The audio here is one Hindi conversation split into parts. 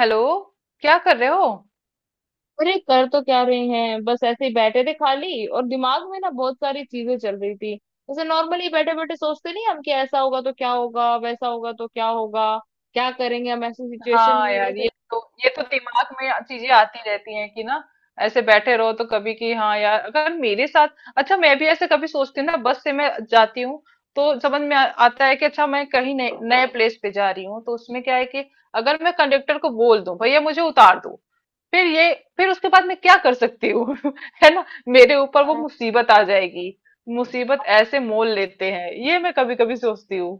हेलो। क्या कर रहे हो? अरे कर तो क्या रहे हैं बस ऐसे ही बैठे थे खाली और दिमाग में ना बहुत सारी चीजें चल रही थी। जैसे नॉर्मली बैठे बैठे सोचते नहीं हम कि ऐसा होगा तो क्या होगा वैसा होगा तो क्या होगा। क्या करेंगे हम ऐसी सिचुएशन हाँ में यार, वैसे। ये तो दिमाग में चीजें आती रहती हैं कि ना। ऐसे बैठे रहो तो कभी कि हाँ यार अगर मेरे साथ। अच्छा, मैं भी ऐसे कभी सोचती हूँ ना, बस से मैं जाती हूँ। तो समझ में आता है कि अच्छा मैं कहीं नए नए प्लेस पे जा रही हूँ, तो उसमें क्या है कि अगर मैं कंडक्टर को बोल दूं भैया मुझे उतार दो, फिर उसके बाद मैं क्या कर सकती हूँ? है ना, मेरे ऊपर वो मुसीबत आ जाएगी। मुसीबत हाँ ऐसे मोल लेते हैं, ये मैं कभी कभी सोचती हूँ।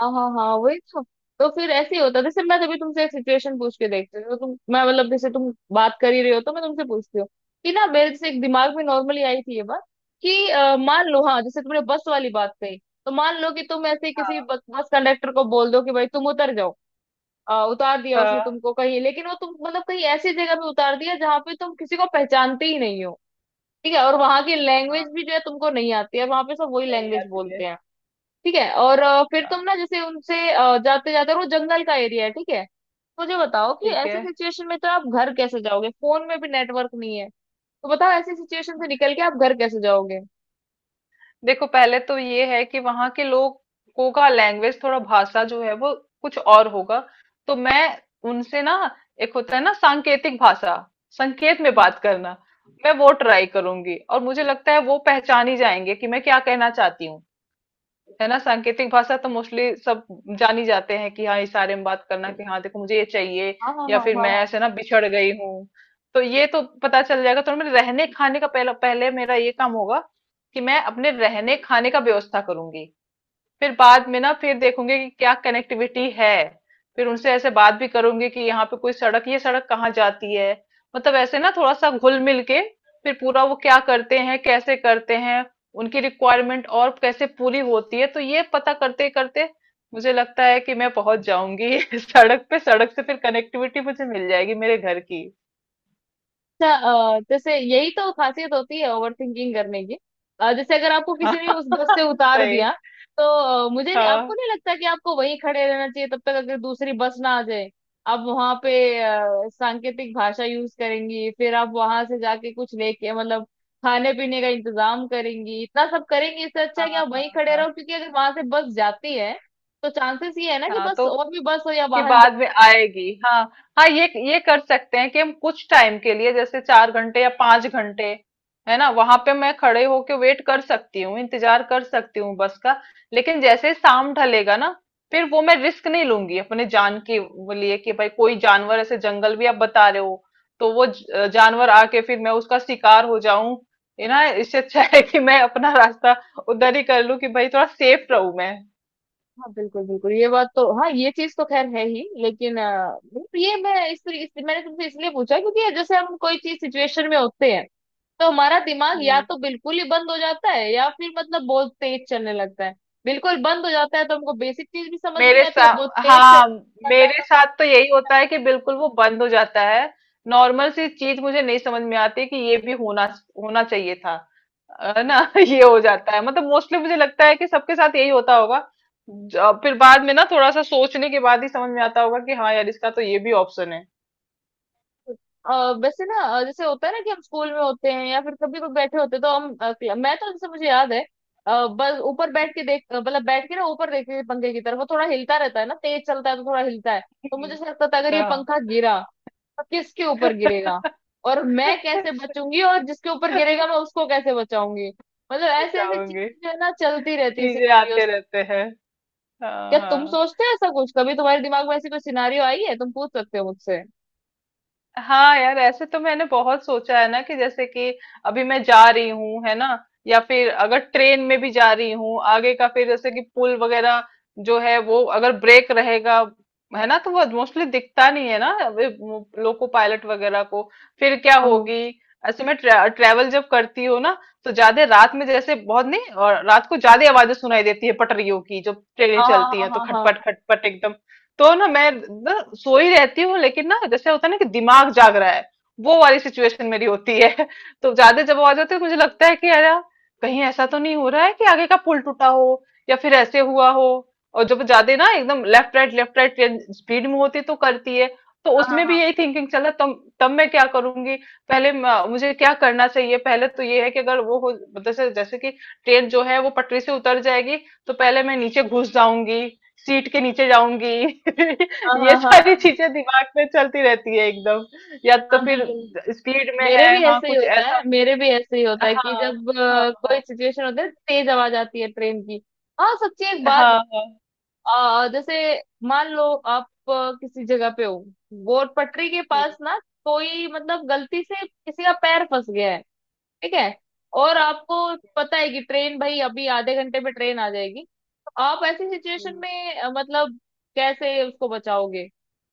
हाँ हाँ हाँ वही तो। तो फिर ऐसे ही होता है जैसे मैं तभी तुमसे एक सिचुएशन पूछ के देखती हूँ तो तुम मैं मतलब जैसे तुम बात कर ही रहे हो तो मैं तुमसे पूछती हूँ कि ना मेरे जैसे एक दिमाग में नॉर्मली आई थी ये बात कि मान लो। हाँ जैसे तुमने बस वाली बात कही तो मान लो कि तुम ऐसे किसी हाँ बस कंडक्टर को बोल दो कि भाई तुम उतर जाओ। उतार दिया उसने हाँ। तुमको कहीं, लेकिन वो तुम मतलब कहीं ऐसी जगह पे उतार दिया जहाँ पे तुम किसी को पहचानते ही नहीं हो। ठीक है। और वहां की लैंग्वेज भी जो है तुमको नहीं आती है, वहां पे सब वही नहीं लैंग्वेज आती है। बोलते हैं। ठीक है। और फिर तुम हाँ। ना जैसे उनसे जाते जाते, वो जंगल का एरिया है। ठीक है। तो मुझे बताओ कि ठीक है। ऐसे सिचुएशन में तो आप घर कैसे जाओगे, फोन में भी नेटवर्क नहीं है। तो बताओ ऐसी सिचुएशन से निकल के आप घर कैसे जाओगे। देखो, पहले तो ये है कि वहां के लोगों का लैंग्वेज, थोड़ा भाषा जो है वो कुछ और होगा। तो मैं उनसे ना, एक होता है ना सांकेतिक भाषा, संकेत में हम्म। बात करना। मैं वो ट्राई करूंगी और मुझे लगता है वो पहचान ही जाएंगे कि मैं क्या कहना चाहती हूँ। है ना, सांकेतिक भाषा तो मोस्टली सब जानी जाते हैं कि हाँ, इशारे में बात करना कि हाँ देखो मुझे ये चाहिए, हाँ हाँ या हाँ फिर मैं हाँ। ऐसे ना बिछड़ गई हूँ, तो ये तो पता चल जाएगा। तो मेरे रहने खाने का पहला पहले मेरा ये काम होगा कि मैं अपने रहने खाने का व्यवस्था करूंगी। फिर बाद में ना फिर देखूंगी कि क्या कनेक्टिविटी है। फिर उनसे ऐसे बात भी करूंगी कि यहाँ पे कोई सड़क, ये सड़क कहाँ जाती है, मतलब ऐसे ना थोड़ा सा घुल मिल के फिर पूरा वो क्या करते हैं, कैसे करते हैं, उनकी रिक्वायरमेंट और कैसे पूरी होती है, तो ये पता करते करते मुझे लगता है कि मैं पहुंच जाऊंगी सड़क पे। सड़क से फिर कनेक्टिविटी मुझे मिल जाएगी मेरे घर की। अच्छा। जैसे यही तो खासियत होती है ओवर थिंकिंग करने की। जैसे अगर आपको हाँ। किसी ने उस बस से उतार दिया, सही। तो अ, मुझे नहीं, आपको हाँ नहीं लगता कि आपको वहीं खड़े रहना चाहिए तब तक अगर दूसरी बस ना आ जाए? आप वहां पे सांकेतिक भाषा यूज करेंगी, फिर आप वहां से जाके कुछ लेके मतलब खाने पीने का इंतजाम करेंगी, इतना सब करेंगी। इससे अच्छा हाँ है कि आप वहीं हाँ खड़े हाँ रहो, क्योंकि अगर वहां से बस जाती है तो चांसेस ये है ना कि हाँ, बस तो और भी बस हो या कि वाहन। बाद में आएगी। हाँ हाँ, ये कर सकते हैं कि हम कुछ टाइम के लिए जैसे चार घंटे या पांच घंटे, है ना, वहां पे मैं खड़े होके वेट कर सकती हूँ, इंतजार कर सकती हूँ बस का। लेकिन जैसे ही शाम ढलेगा ना, फिर वो मैं रिस्क नहीं लूंगी अपने जान के वो लिए कि भाई कोई जानवर, ऐसे जंगल भी आप बता रहे हो, तो वो जानवर आके फिर मैं उसका शिकार हो जाऊं। है ना, इससे अच्छा है कि मैं अपना रास्ता उधर ही कर लूं कि भाई थोड़ा सेफ रहूं मैं। हाँ बिल्कुल बिल्कुल, ये बात तो, हाँ ये चीज तो खैर है ही, लेकिन मतलब ये मैं इस मैंने तुमसे इसलिए पूछा क्योंकि जैसे हम कोई चीज सिचुएशन में होते हैं, तो हमारा दिमाग या हम्म। तो बिल्कुल ही बंद हो जाता है या फिर मतलब बहुत तेज चलने लगता है। बिल्कुल बंद हो जाता है तो हमको बेसिक चीज भी समझ नहीं मेरे आती, और बहुत साथ, तेज हाँ, चलने लगता है मेरे साथ तो यही होता है कि बिल्कुल वो बंद हो जाता है। नॉर्मल सी चीज मुझे नहीं समझ में आती कि ये भी होना होना चाहिए था। है तो ना? ये हो जाता है, मतलब मोस्टली मुझे लगता है कि सबके साथ यही होता होगा। फिर बाद में ना थोड़ा सा सोचने के बाद ही समझ में आता होगा कि हाँ यार, इसका तो ये भी ऑप्शन है। वैसे ना, जैसे होता है ना कि हम स्कूल में होते हैं या फिर कभी कोई बैठे होते हैं, तो हम मैं तो, जैसे मुझे याद है, बस ऊपर बैठ के मतलब बैठ के ना ऊपर देख के पंखे की तरफ, वो थोड़ा हिलता रहता है ना, तेज चलता है तो थोड़ा हिलता है, तो मुझे हम्म। ऐसा लगता था अगर ये पंखा हाँ। गिरा तो किसके ऊपर गिरेगा, और मैं कैसे बचूंगी, और जिसके ऊपर गिरेगा मैं उसको कैसे बचाऊंगी। मतलब ऐसे ऐसे बताऊंगी। चीजें जो है ना, चलती रहती है, चीजें आते सिनारियोस। रहते हैं। हाँ क्या तुम हाँ। सोचते हो ऐसा कुछ? कभी तुम्हारे दिमाग में ऐसी कोई सिनारियो आई है? तुम पूछ सकते हो मुझसे। हाँ यार, ऐसे तो मैंने बहुत सोचा है ना कि जैसे कि अभी मैं जा रही हूँ, है ना, या फिर अगर ट्रेन में भी जा रही हूँ, आगे का फिर जैसे कि पुल वगैरह जो है वो अगर ब्रेक रहेगा, है ना, तो वो मोस्टली दिखता नहीं है ना अभी वो लोको पायलट वगैरह को, फिर क्या हाँ हाँ होगी। ऐसे मैं ट्रेवल जब करती हूँ ना, तो ज्यादा रात में, जैसे बहुत नहीं, और रात को ज्यादा आवाजें सुनाई देती है पटरियों की जब ट्रेनें हाँ चलती हाँ है, तो हाँ खटपट हाँ खटपट, तो ना मैं ना सोई रहती हूँ, लेकिन ना जैसे होता है ना कि दिमाग जाग रहा है, वो वाली सिचुएशन मेरी होती है। तो ज्यादा जब आवाज आती है तो मुझे लगता है कि अरे, कहीं ऐसा तो नहीं हो रहा है कि आगे का पुल टूटा हो, या फिर ऐसे हुआ हो। और जब ज्यादा ना एकदम लेफ्ट राइट ट्रेन स्पीड में होती तो करती है, तो हाँ हाँ उसमें भी हाँ। यही थिंकिंग चला तब, तब मैं क्या करूंगी, पहले मुझे क्या करना चाहिए। पहले तो ये है कि अगर वो हो, मतलब जैसे, जैसे कि ट्रेन जो है वो पटरी से उतर जाएगी, तो पहले मैं नीचे घुस जाऊंगी, सीट के नीचे जाऊंगी। हाँ ये हाँ हाँ हाँ सारी हाँ चीजें दिमाग में चलती रहती है एकदम, या तो हाँ। फिर बिल्कुल। स्पीड में मेरे है, भी हाँ ऐसे ही कुछ होता ऐसा। है, मेरे भी ऐसे ही होता है कि हाँ जब हाँ कोई हाँ सिचुएशन होता है, तेज आवाज आती है ट्रेन की। हाँ सच्ची एक बात। हाँ हाँ। जैसे मान लो आप किसी जगह पे हो, वो पटरी के पास हम्म। ना, कोई मतलब गलती से किसी का पैर फंस गया है, ठीक है, और आपको पता है कि ट्रेन भाई अभी आधे घंटे में ट्रेन आ जाएगी। तो आप ऐसी सिचुएशन हम्म। में मतलब कैसे उसको बचाओगे?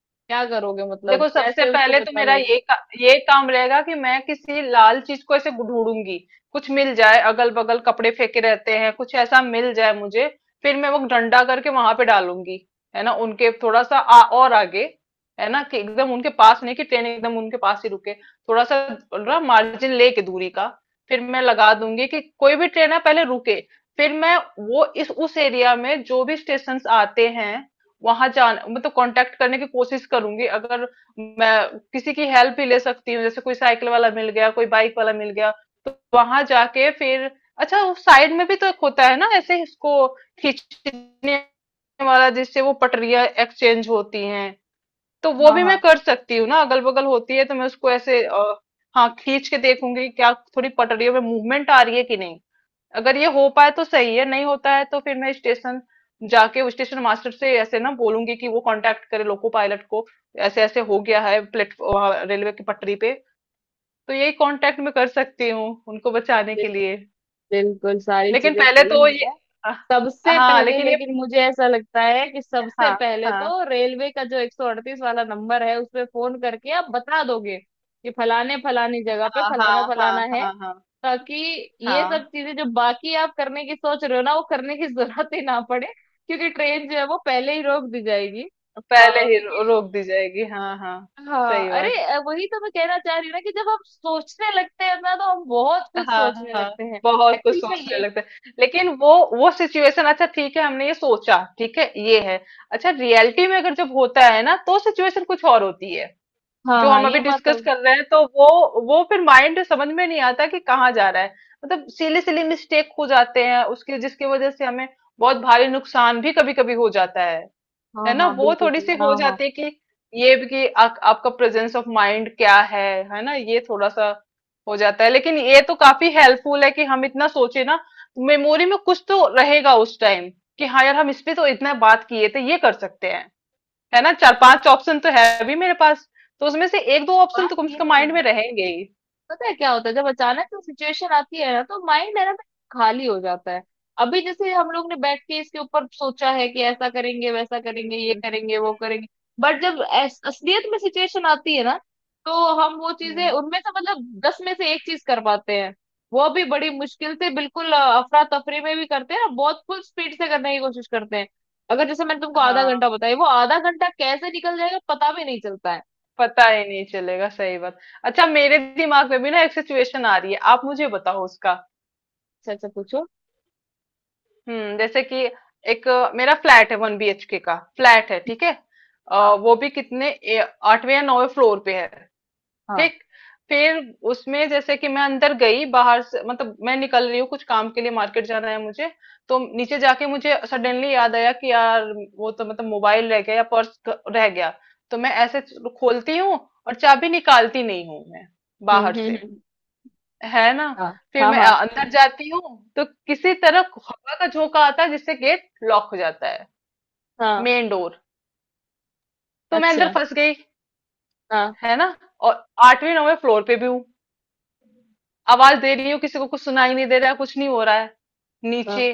क्या करोगे? मतलब देखो, सबसे कैसे उसको पहले तो बचा मेरा लोगे? ये काम रहेगा कि मैं किसी लाल चीज को ऐसे ढूंढूंगी, कुछ मिल जाए अगल बगल, कपड़े फेंके रहते हैं, कुछ ऐसा मिल जाए मुझे। फिर मैं वो डंडा करके वहां पे डालूंगी, है ना, उनके थोड़ा सा और आगे, है ना, कि एकदम उनके पास नहीं कि ट्रेन एकदम उनके पास ही रुके, थोड़ा सा ना मार्जिन लेके दूरी का। फिर मैं लगा दूंगी कि कोई भी ट्रेन है पहले रुके। फिर मैं वो इस उस एरिया में जो भी स्टेशन आते हैं, वहां जान मतलब कांटेक्ट करने की कोशिश करूंगी। अगर मैं किसी की हेल्प भी ले सकती हूँ, जैसे कोई साइकिल वाला मिल गया, कोई बाइक वाला मिल गया, तो वहां जाके फिर अच्छा वो साइड में भी तो एक होता है ना ऐसे, इसको खींचने वाला, जिससे वो पटरियां एक्सचेंज होती हैं, तो वो हाँ भी मैं हाँ कर सकती हूँ ना, अगल बगल होती है, तो मैं उसको ऐसे हाँ, खींच के देखूंगी क्या थोड़ी पटरियों में मूवमेंट आ रही है कि नहीं। अगर ये हो पाए तो सही है, नहीं होता है तो फिर मैं स्टेशन जाके स्टेशन मास्टर से ऐसे ना बोलूंगी कि वो कांटेक्ट करे लोको पायलट को, ऐसे ऐसे हो गया है प्लेटफॉर्म रेलवे की पटरी पे। तो यही कांटेक्ट में कर सकती हूँ उनको बचाने के बिल्कुल लिए। बिल्कुल, सारी लेकिन चीजें पहले सही तो ये है। अ, सबसे हाँ, पहले, लेकिन ये लेकिन मुझे ऐसा लगता है कि सबसे हाँ पहले हाँ तो रेलवे का जो 138 वाला नंबर है उस पे फोन करके आप बता दोगे कि फलाने फलानी जगह पे हाँ फलाना हाँ हाँ फलाना है, हाँ हाँ ताकि ये सब हाँ। चीजें जो बाकी आप करने की सोच रहे हो ना वो करने की जरूरत ही ना पड़े, क्योंकि ट्रेन जो है वो पहले ही रोक दी जाएगी। पहले ही क्योंकि रोक दी जाएगी, हाँ हाँ। हाँ, सही अरे, बात। वही तो मैं कहना चाह रही हूँ ना कि जब हम सोचने लगते हैं ना तो हम बहुत कुछ हाँ सोचने हाँ। लगते हैं। बहुत कुछ एक्चुअली में सोचने ये। लगता है, लेकिन वो सिचुएशन, अच्छा ठीक है हमने ये सोचा, ठीक है ये है, अच्छा रियलिटी में अगर जब होता है ना, तो सिचुएशन कुछ और होती है हाँ जो हाँ, हम ये अभी बात तो। डिस्कस कर रहे हैं। तो वो फिर माइंड समझ में नहीं आता कि कहाँ जा रहा है। मतलब सिली सिली मिस्टेक हो जाते हैं उसके, जिसकी वजह से हमें बहुत भारी नुकसान भी कभी कभी हो जाता है। हाँ है ना, हाँ वो बिल्कुल थोड़ी सही। सी हाँ हो हाँ। जाती है कि ये भी कि आपका प्रेजेंस ऑफ माइंड क्या है ना, ये थोड़ा सा हो जाता है। लेकिन ये तो काफी हेल्पफुल है कि हम इतना सोचे ना, मेमोरी में कुछ तो रहेगा उस टाइम कि हाँ यार, हम इस पे तो इतना बात किए थे, ये कर सकते हैं, है ना, चार पांच ऑप्शन तो है अभी मेरे पास, तो उसमें से एक दो ऑप्शन बात तो कम से ये कम नहीं है। माइंड में रहेंगे ही। पता है क्या होता है? जब अचानक से सिचुएशन आती है ना, तो माइंड है ना, खाली हो जाता है। अभी जैसे हम लोग ने बैठ के इसके ऊपर सोचा है कि ऐसा करेंगे वैसा करेंगे ये हम्म। करेंगे वो करेंगे, बट जब असलियत में सिचुएशन आती है ना, तो हम वो हम्म। हम्म। चीजें उनमें से मतलब 10 में से एक चीज कर पाते हैं, वो भी बड़ी मुश्किल से, बिल्कुल अफरा तफरी में भी करते हैं और बहुत फुल स्पीड से करने की कोशिश करते हैं। अगर जैसे मैंने तुमको आधा घंटा हाँ, बताया, वो आधा घंटा कैसे निकल जाएगा पता भी नहीं चलता है। पता ही नहीं चलेगा, सही बात। अच्छा, मेरे दिमाग में भी ना एक सिचुएशन आ रही है, आप मुझे बताओ उसका। अच्छा अच्छा, पूछो। जैसे कि मेरा फ्लैट है, वन बीएचके का फ्लैट है, ठीक है। हाँ वो भी कितने आठवें या नौवें फ्लोर पे है। हाँ। ठीक, फिर उसमें जैसे कि मैं अंदर गई, बाहर से मतलब मैं निकल रही हूँ कुछ काम के लिए, मार्केट जाना है मुझे। तो नीचे जाके मुझे सडनली याद आया कि यार, वो तो मतलब मोबाइल रह गया या पर्स रह गया। तो मैं ऐसे खोलती हूँ, और चाबी निकालती नहीं हूँ मैं बाहर से, हम्म। है ना। हाँ फिर हाँ मैं हाँ अंदर जाती हूँ, तो किसी तरह हवा का झोंका आता है जिससे गेट लॉक हो जाता है, हाँ। Main door. तो मैं अंदर अच्छा। फंस गई, हाँ है ना, और आठवीं नौवें फ्लोर पे भी हूँ, आवाज दे रही हूँ किसी को, कुछ सुनाई नहीं दे रहा है, कुछ नहीं हो रहा है हाँ। नीचे।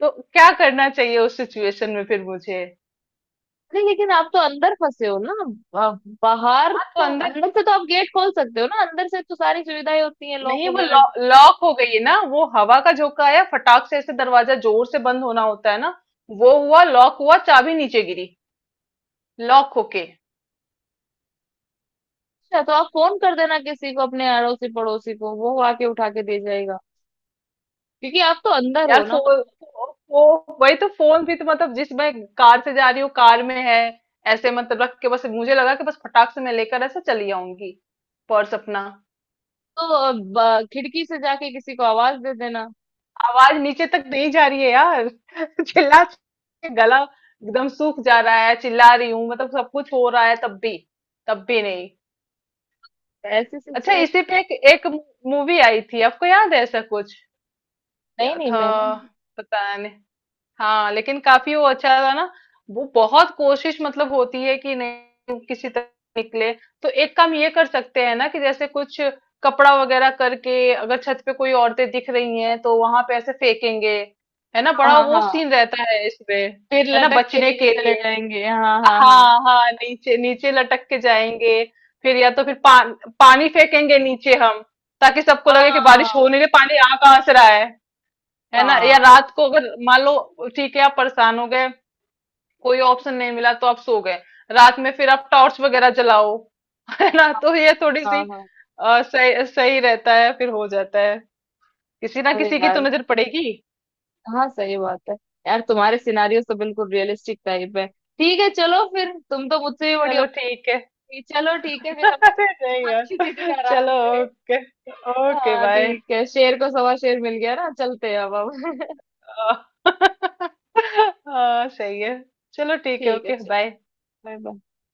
तो क्या करना चाहिए उस सिचुएशन में फिर मुझे? नहीं, लेकिन आप तो अंदर फंसे हो ना। बाहर हाँ, तो तो, अंदर, अंदर से तो आप गेट खोल सकते हो ना, अंदर से तो सारी सुविधाएं होती हैं लॉक नहीं वो वगैरह की। लॉक हो गई है ना, वो हवा का झोंका आया फटाक से, ऐसे दरवाजा जोर से बंद होना होता है ना, वो हुआ, लॉक हुआ, चाबी नीचे गिरी लॉक होके। अच्छा तो आप फोन कर देना किसी को, अपने अड़ोसी पड़ोसी को, वो आके उठा के दे जाएगा, क्योंकि आप तो अंदर यार हो ना फोन, मतलब। वही तो फोन भी तो, मतलब जिस, मैं कार से जा रही हूँ, कार में है। ऐसे मतलब रख के, बस मुझे लगा कि बस फटाक से मैं लेकर ऐसे चली आऊंगी पर्स अपना। तो खिड़की से जाके किसी को आवाज दे देना। आवाज नीचे तक नहीं जा रही है यार, चिल्ला के गला एकदम सूख जा रहा है, चिल्ला रही हूँ, मतलब सब कुछ हो रहा है, तब भी, तब भी नहीं। ऐसी अच्छा, सिचुएशन। इसी पे एक मूवी आई थी, आपको याद है ऐसा कुछ, नहीं क्या नहीं, था? मैंने। पता नहीं। हाँ, लेकिन काफी वो अच्छा था ना, वो बहुत कोशिश मतलब होती है कि नहीं किसी तरह निकले। तो एक काम ये कर सकते हैं ना कि जैसे कुछ कपड़ा वगैरह करके अगर छत पे कोई औरतें दिख रही हैं तो वहां पे ऐसे फेंकेंगे, है ना, हाँ बड़ा हाँ वो हाँ, सीन रहता है इसमें, फिर है ना, लटक के बचने नीचे के चले लिए। जाएंगे, हाँ हाँ हाँ। हाँ हाँ, नीचे नीचे लटक के जाएंगे, फिर या तो फिर पानी फेंकेंगे नीचे हम, ताकि सबको लगे कि बारिश हो हाँ नहीं रही, पानी आ कहाँ से रहा है ना, या हाँ रात को अगर मान लो, ठीक है आप परेशान हो गए, कोई ऑप्शन नहीं मिला, तो आप सो गए, रात में फिर आप टॉर्च वगैरह जलाओ। है ना, हाँ तो ये थोड़ी सी हाँ हाँ। सही सही रहता है, फिर हो जाता है, किसी ना अरे किसी की तो यार। नजर पड़ेगी। हाँ सही बात है। यार तुम्हारे सिनारियों तो बिल्कुल रियलिस्टिक टाइप है। ठीक है चलो, फिर तुम तो मुझसे भी बड़ी हो चलो ठीक है। गई। चलो ठीक है, फिर हम अरे नहीं बात किसी दिन यार, आराम चलो। से। ओके। ओके हाँ बाय। ठीक है, शेर को सवा शेर मिल गया ना, चलते हैं अब हम। हाँ, सही है, चलो ठीक है, ठीक है ओके चलो, बाय। Bye bye.